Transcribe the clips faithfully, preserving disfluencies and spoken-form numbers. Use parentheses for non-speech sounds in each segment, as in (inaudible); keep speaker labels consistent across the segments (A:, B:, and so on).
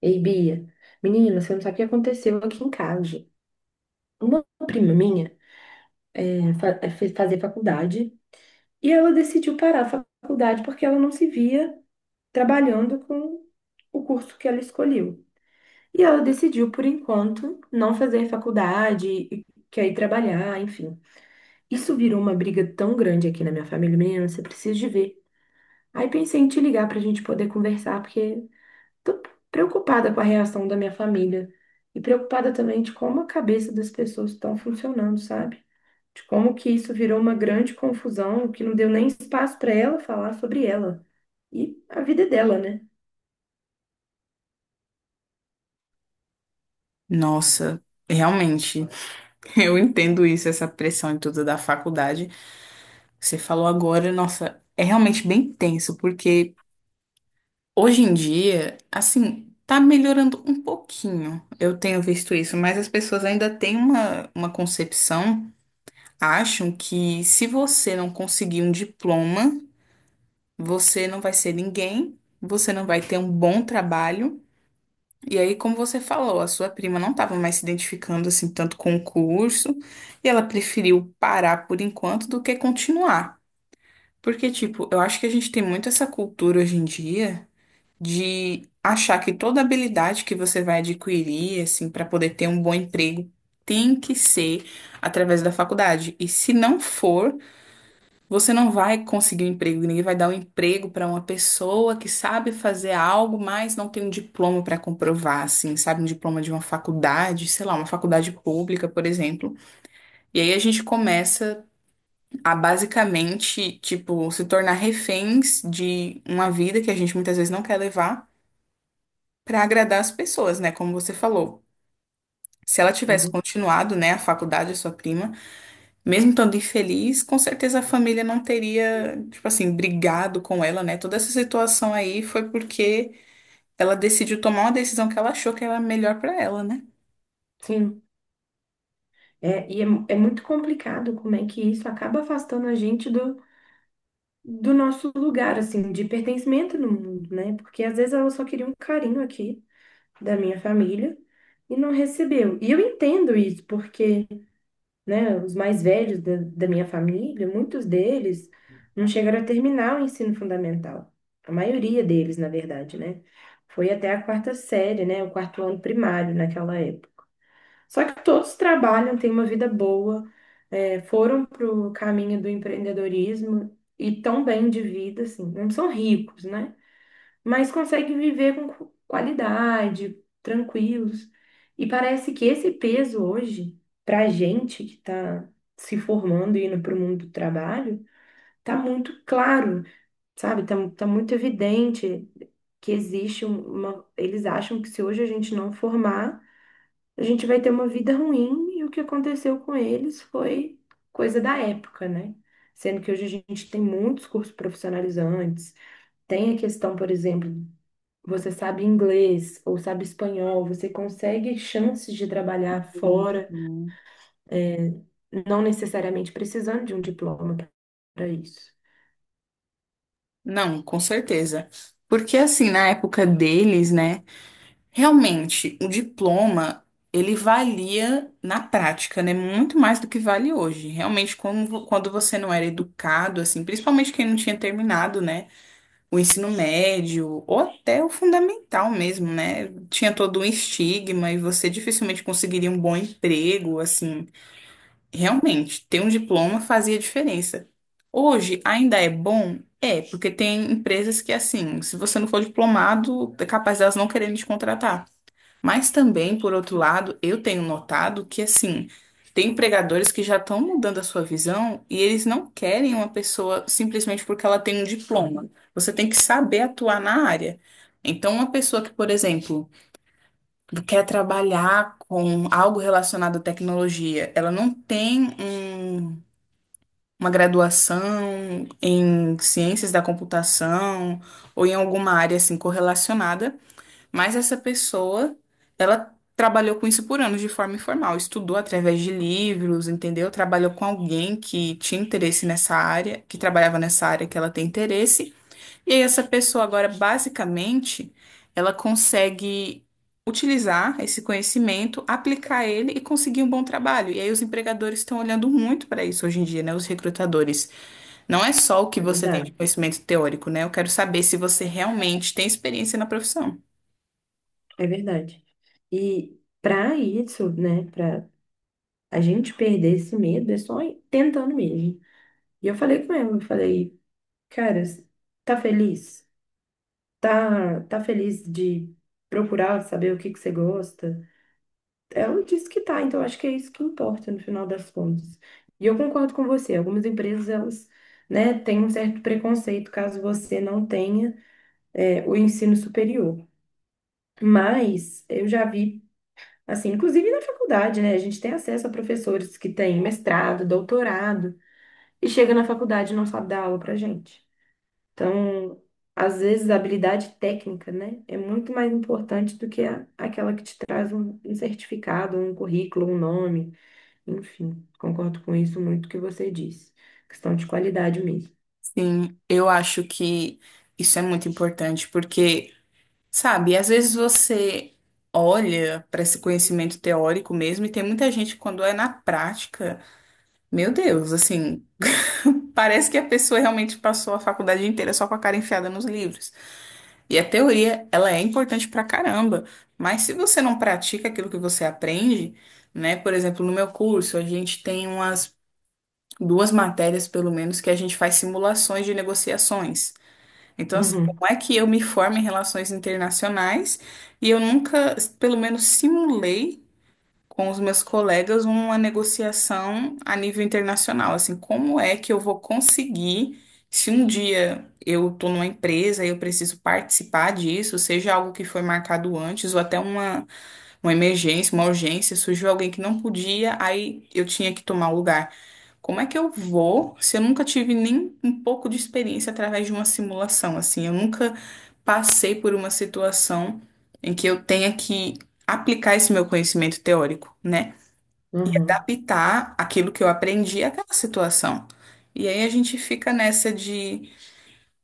A: Ei, Bia, menina, você não sabe o que aconteceu aqui em casa. Uma prima minha eh, fa- eh, fez fazer faculdade e ela decidiu parar a faculdade porque ela não se via trabalhando com o curso que ela escolheu. E ela decidiu, por enquanto, não fazer faculdade e quer ir trabalhar, enfim. Isso virou uma briga tão grande aqui na minha família, menina, você precisa de ver. Aí pensei em te ligar para a gente poder conversar, porque Tô preocupada com a reação da minha família e preocupada também de como a cabeça das pessoas estão funcionando, sabe? De como que isso virou uma grande confusão, que não deu nem espaço para ela falar sobre ela e a vida é dela, né?
B: Nossa, realmente, (laughs) eu entendo isso, essa pressão e tudo da faculdade. Você falou agora, nossa, é realmente bem tenso, porque hoje em dia, assim, tá melhorando um pouquinho. Eu tenho visto isso, mas as pessoas ainda têm uma, uma concepção, acham que se você não conseguir um diploma, você não vai ser ninguém, você não vai ter um bom trabalho. E aí, como você falou, a sua prima não estava mais se identificando assim tanto com o curso, e ela preferiu parar por enquanto do que continuar. Porque, tipo, eu acho que a gente tem muito essa cultura hoje em dia de achar que toda habilidade que você vai adquirir, assim, para poder ter um bom emprego, tem que ser através da faculdade. E se não for, você não vai conseguir um emprego, ninguém vai dar um emprego para uma pessoa que sabe fazer algo, mas não tem um diploma para comprovar, assim, sabe? Um diploma de uma faculdade, sei lá, uma faculdade pública, por exemplo. E aí a gente começa a basicamente, tipo, se tornar reféns de uma vida que a gente muitas vezes não quer levar para agradar as pessoas, né? Como você falou. Se ela tivesse
A: Uhum.
B: continuado, né, a faculdade, a sua prima. Mesmo estando infeliz, com certeza a família não teria, tipo assim, brigado com ela, né? Toda essa situação aí foi porque ela decidiu tomar uma decisão que ela achou que era melhor pra ela, né?
A: Sim, é, e é, é muito complicado como é que isso acaba afastando a gente do, do nosso lugar, assim, de pertencimento no mundo, né? Porque às vezes ela só queria um carinho aqui da minha família e não recebeu. E eu entendo isso, porque né, os mais velhos da, da minha família, muitos deles não chegaram a terminar o ensino fundamental. A maioria deles, na verdade, né? Foi até a quarta série, né? O quarto ano primário naquela época. Só que todos trabalham, têm uma vida boa, é, foram para o caminho do empreendedorismo e tão bem de vida, assim. Não são ricos, né? Mas consegue viver com qu- qualidade, tranquilos. E parece que esse peso hoje, para a gente que está se formando e indo para o mundo do trabalho, tá muito claro, sabe? Tá, tá muito evidente que existe um- uma. Eles acham que se hoje a gente não formar, a gente vai ter uma vida ruim, e o que aconteceu com eles foi coisa da época, né? Sendo que hoje a gente tem muitos cursos profissionalizantes, tem a questão, por exemplo, você sabe inglês ou sabe espanhol, você consegue chances de trabalhar fora,
B: Uhum.
A: é, não necessariamente precisando de um diploma para isso.
B: Não, com certeza. Porque assim, na época deles, né, realmente o diploma ele valia na prática, né, muito mais do que vale hoje. Realmente, quando quando você não era educado, assim, principalmente quem não tinha terminado, né? O ensino médio ou até o fundamental mesmo, né? Tinha todo um estigma e você dificilmente conseguiria um bom emprego, assim. Realmente, ter um diploma fazia diferença. Hoje ainda é bom? É, porque tem empresas que, assim, se você não for diplomado, é capaz delas não quererem te contratar. Mas também, por outro lado, eu tenho notado que, assim, tem empregadores que já estão mudando a sua visão e eles não querem uma pessoa simplesmente porque ela tem um diploma. Você tem que saber atuar na área. Então, uma pessoa que, por exemplo, quer trabalhar com algo relacionado à tecnologia, ela não tem um- uma graduação em ciências da computação ou em alguma área assim correlacionada. Mas essa pessoa, ela trabalhou com isso por anos de forma informal, estudou através de livros, entendeu? Trabalhou com alguém que tinha interesse nessa área, que trabalhava nessa área que ela tem interesse. E aí essa pessoa agora, basicamente, ela consegue utilizar esse conhecimento, aplicar ele e conseguir um bom trabalho. E aí os empregadores estão olhando muito para isso hoje em dia, né? Os recrutadores. Não é só o que
A: É
B: você tem de
A: verdade,
B: conhecimento teórico, né? Eu quero saber se você realmente tem experiência na profissão.
A: é verdade. E para isso, né, para a gente perder esse medo, é só ir tentando mesmo. E eu falei com ela, eu falei, cara, tá feliz? Tá, tá feliz de procurar saber o que que você gosta? Ela disse que tá, então acho que é isso que importa no final das contas. E eu concordo com você, algumas empresas elas, né, têm um certo preconceito caso você não tenha é, o ensino superior. Mas eu já vi, assim, inclusive na faculdade, né, a gente tem acesso a professores que têm mestrado, doutorado, e chega na faculdade e não sabe dar aula pra gente. Então, às vezes a habilidade técnica, né, é muito mais importante do que a, aquela que te traz um, um, certificado, um currículo, um nome. Enfim, concordo com isso muito que você disse. Questão de qualidade mesmo.
B: Sim, eu acho que isso é muito importante, porque, sabe, às vezes você olha para esse conhecimento teórico mesmo, e tem muita gente, quando é na prática, meu Deus, assim, (laughs) parece que a pessoa realmente passou a faculdade inteira só com a cara enfiada nos livros. E a teoria, ela é importante pra caramba, mas se você não pratica aquilo que você aprende, né, por exemplo, no meu curso, a gente tem umas duas matérias, pelo menos, que a gente faz simulações de negociações. Então, assim,
A: Uhum,
B: como é que eu me formo em relações internacionais e eu nunca, pelo menos, simulei com os meus colegas uma negociação a nível internacional? Assim, como é que eu vou conseguir, se um dia eu estou numa empresa e eu preciso participar disso, seja algo que foi marcado antes ou até uma uma emergência, uma urgência, surgiu alguém que não podia, aí eu tinha que tomar o lugar. Como é que eu vou se eu nunca tive nem um pouco de experiência através de uma simulação, assim? Eu nunca passei por uma situação em que eu tenha que aplicar esse meu conhecimento teórico, né? E
A: uhum.
B: adaptar aquilo que eu aprendi àquela situação. E aí a gente fica nessa de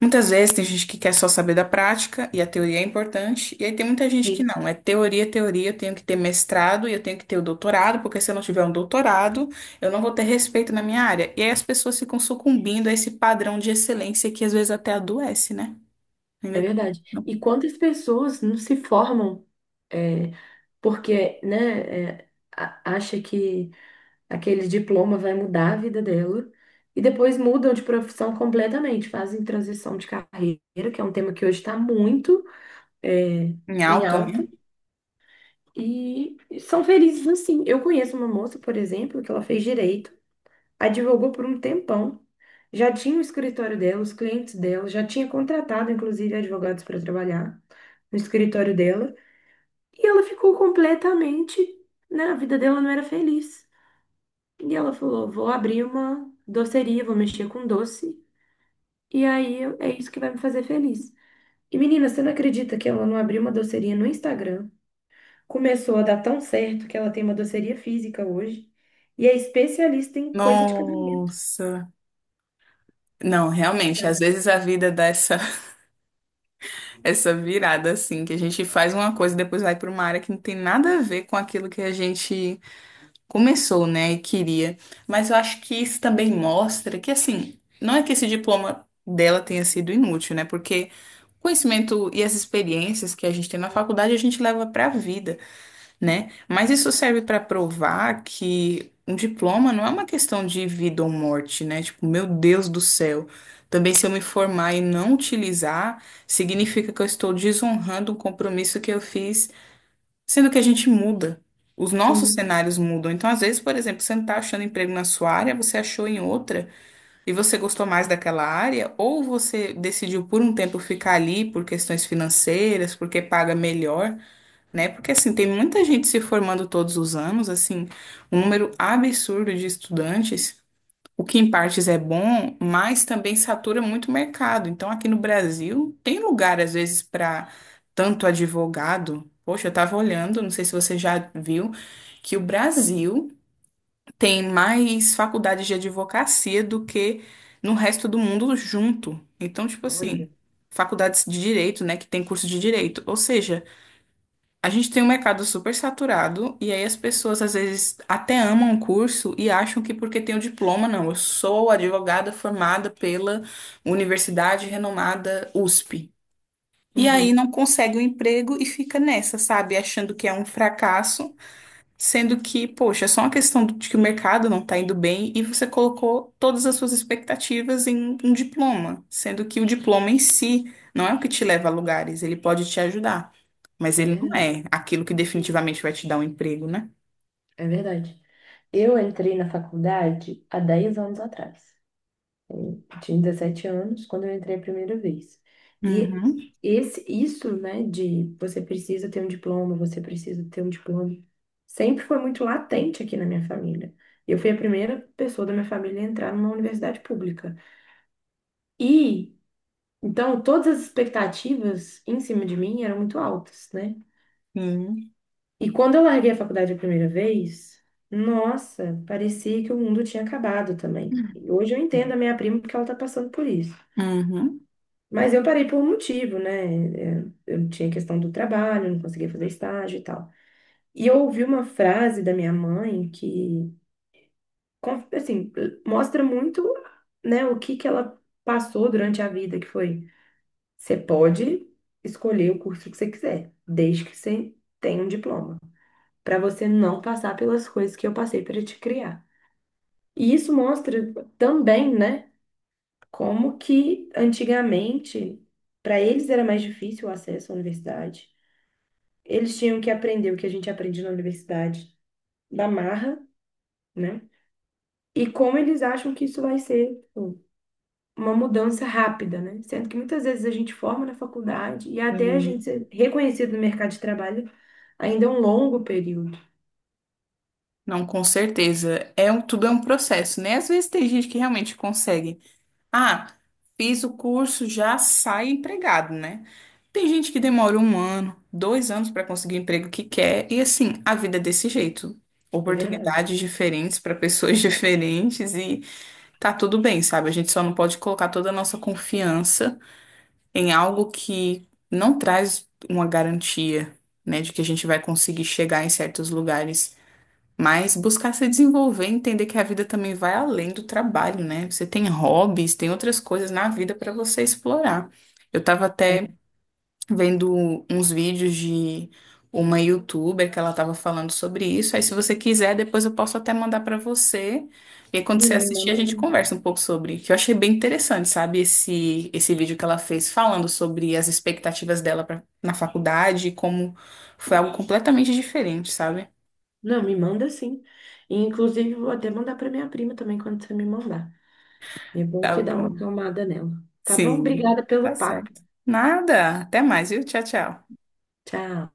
B: muitas vezes tem gente que quer só saber da prática e a teoria é importante, e aí tem muita gente que
A: Sim.
B: não, é teoria, teoria, eu tenho que ter mestrado e eu tenho que ter o doutorado, porque se eu não tiver um doutorado, eu não vou ter respeito na minha área. E aí as pessoas ficam sucumbindo a esse padrão de excelência que às vezes até adoece, né?
A: É
B: Ainda tem isso.
A: verdade. E quantas pessoas não se formam é, porque, né, é, a- acha que aquele diploma vai mudar a vida dela e depois mudam de profissão completamente, fazem transição de carreira, que é um tema que hoje está muito é,
B: Em
A: em
B: alta,
A: alta,
B: né?
A: e são felizes assim. Eu conheço uma moça, por exemplo, que ela fez direito. Advogou por um tempão, já tinha o escritório dela, os clientes dela, já tinha contratado, inclusive, advogados para trabalhar no escritório dela, e ela ficou completamente, né, a vida dela não era feliz. E ela falou: vou abrir uma doceria, vou mexer com doce, e aí eu- é isso que vai me fazer feliz. E menina, você não acredita que ela não abriu uma doceria no Instagram? Começou a dar tão certo que ela tem uma doceria física hoje e é especialista em coisa de casamento.
B: Nossa. Não, realmente, às vezes a vida dá essa, (laughs) essa virada assim, que a gente faz uma coisa e depois vai para uma área que não tem nada a ver com aquilo que a gente começou, né, e queria. Mas eu acho que isso também mostra que, assim, não é que esse diploma dela tenha sido inútil, né? Porque o conhecimento e as experiências que a gente tem na faculdade a gente leva para a vida, né? Mas isso serve para provar que um diploma não é uma questão de vida ou morte, né? Tipo, meu Deus do céu. Também se eu me formar e não utilizar, significa que eu estou desonrando um compromisso que eu fiz. Sendo que a gente muda. Os nossos
A: Sim,
B: cenários mudam. Então, às vezes, por exemplo, você não está achando emprego na sua área, você achou em outra e você gostou mais daquela área, ou você decidiu por um tempo ficar ali por questões financeiras, porque paga melhor, né? Porque assim, tem muita gente se formando todos os anos, assim, um número absurdo de estudantes. O que em partes é bom, mas também satura muito o mercado. Então, aqui no Brasil, tem lugar, às vezes, para tanto advogado. Poxa, eu estava olhando, não sei se você já viu, que o Brasil tem mais faculdades de advocacia do que no resto do mundo junto. Então, tipo assim,
A: olha.
B: faculdades de direito, né, que tem curso de direito. Ou seja, a gente tem um mercado super saturado e aí as pessoas às vezes até amam o curso e acham que porque tem o diploma, não, eu sou advogada formada pela universidade renomada U S P. E aí
A: Uhum,
B: não consegue o emprego e fica nessa, sabe? Achando que é um fracasso. Sendo que, poxa, é só uma questão de que o mercado não está indo bem e você colocou todas as suas expectativas em um diploma, sendo que o diploma em si não é o que te leva a lugares, ele pode te ajudar, mas
A: é
B: ele não
A: verdade,
B: é aquilo que definitivamente vai te dar um emprego, né?
A: é verdade. Eu entrei na faculdade há dez anos atrás. Eu tinha dezessete anos quando eu entrei a primeira vez. E
B: Uhum.
A: esse, isso, né, de você precisa ter um diploma, você precisa ter um diploma, sempre foi muito latente aqui na minha família. Eu fui a primeira pessoa da minha família a entrar numa universidade pública. E, então, todas as expectativas em cima de mim eram muito altas, né?
B: Sim.
A: E quando eu larguei a faculdade a primeira vez, nossa, parecia que o mundo tinha acabado também. E hoje eu entendo a minha prima porque ela está passando por isso.
B: Uhum.
A: Mas eu parei por um motivo, né? É, Eu tinha questão do trabalho, não conseguia fazer estágio e tal. E eu ouvi uma frase da minha mãe que, con- assim, mostra muito, né, o que que ela passou durante a vida, que foi, você pode escolher o curso que você quiser, desde que você tenha um diploma. Para você não passar pelas coisas que eu passei para te criar. E isso mostra também, né, como que antigamente para eles era mais difícil o acesso à universidade. Eles tinham que aprender o que a gente aprende na universidade da marra, né? E como eles acham que isso vai ser tipo, uma mudança rápida, né? Sendo que muitas vezes a gente forma na faculdade e até a gente
B: Sim.
A: ser reconhecido no mercado de trabalho ainda é um longo período.
B: Não, com certeza. É um, tudo é um processo, né? Às vezes tem gente que realmente consegue. Ah, fiz o curso, já sai empregado, né? Tem gente que demora um ano, dois anos para conseguir o emprego que quer, e assim, a vida é desse jeito.
A: É verdade.
B: Oportunidades diferentes para pessoas (laughs) diferentes e tá tudo bem, sabe? A gente só não pode colocar toda a nossa confiança em algo que não traz uma garantia, né, de que a gente vai conseguir chegar em certos lugares. Mas buscar se desenvolver, entender que a vida também vai além do trabalho, né? Você tem hobbies, tem outras coisas na vida para você explorar. Eu tava
A: É,
B: até vendo uns vídeos de uma youtuber que ela tava falando sobre isso. Aí, se você quiser, depois eu posso até mandar para você. E aí, quando você
A: menina, me
B: assistir, a
A: manda
B: gente
A: assim.
B: conversa um pouco sobre. Que eu achei bem interessante, sabe? Esse, esse vídeo que ela fez falando sobre as expectativas dela pra, na faculdade, e como foi algo completamente diferente, sabe?
A: Não, me manda sim. E, inclusive, vou até mandar para minha prima também quando você me mandar. É bom
B: Tá
A: que dá uma
B: bom.
A: acalmada nela. Tá bom?
B: Sim,
A: Obrigada
B: tá
A: pelo papo.
B: certo. Nada. Até mais, viu? Tchau, tchau.
A: Tchau.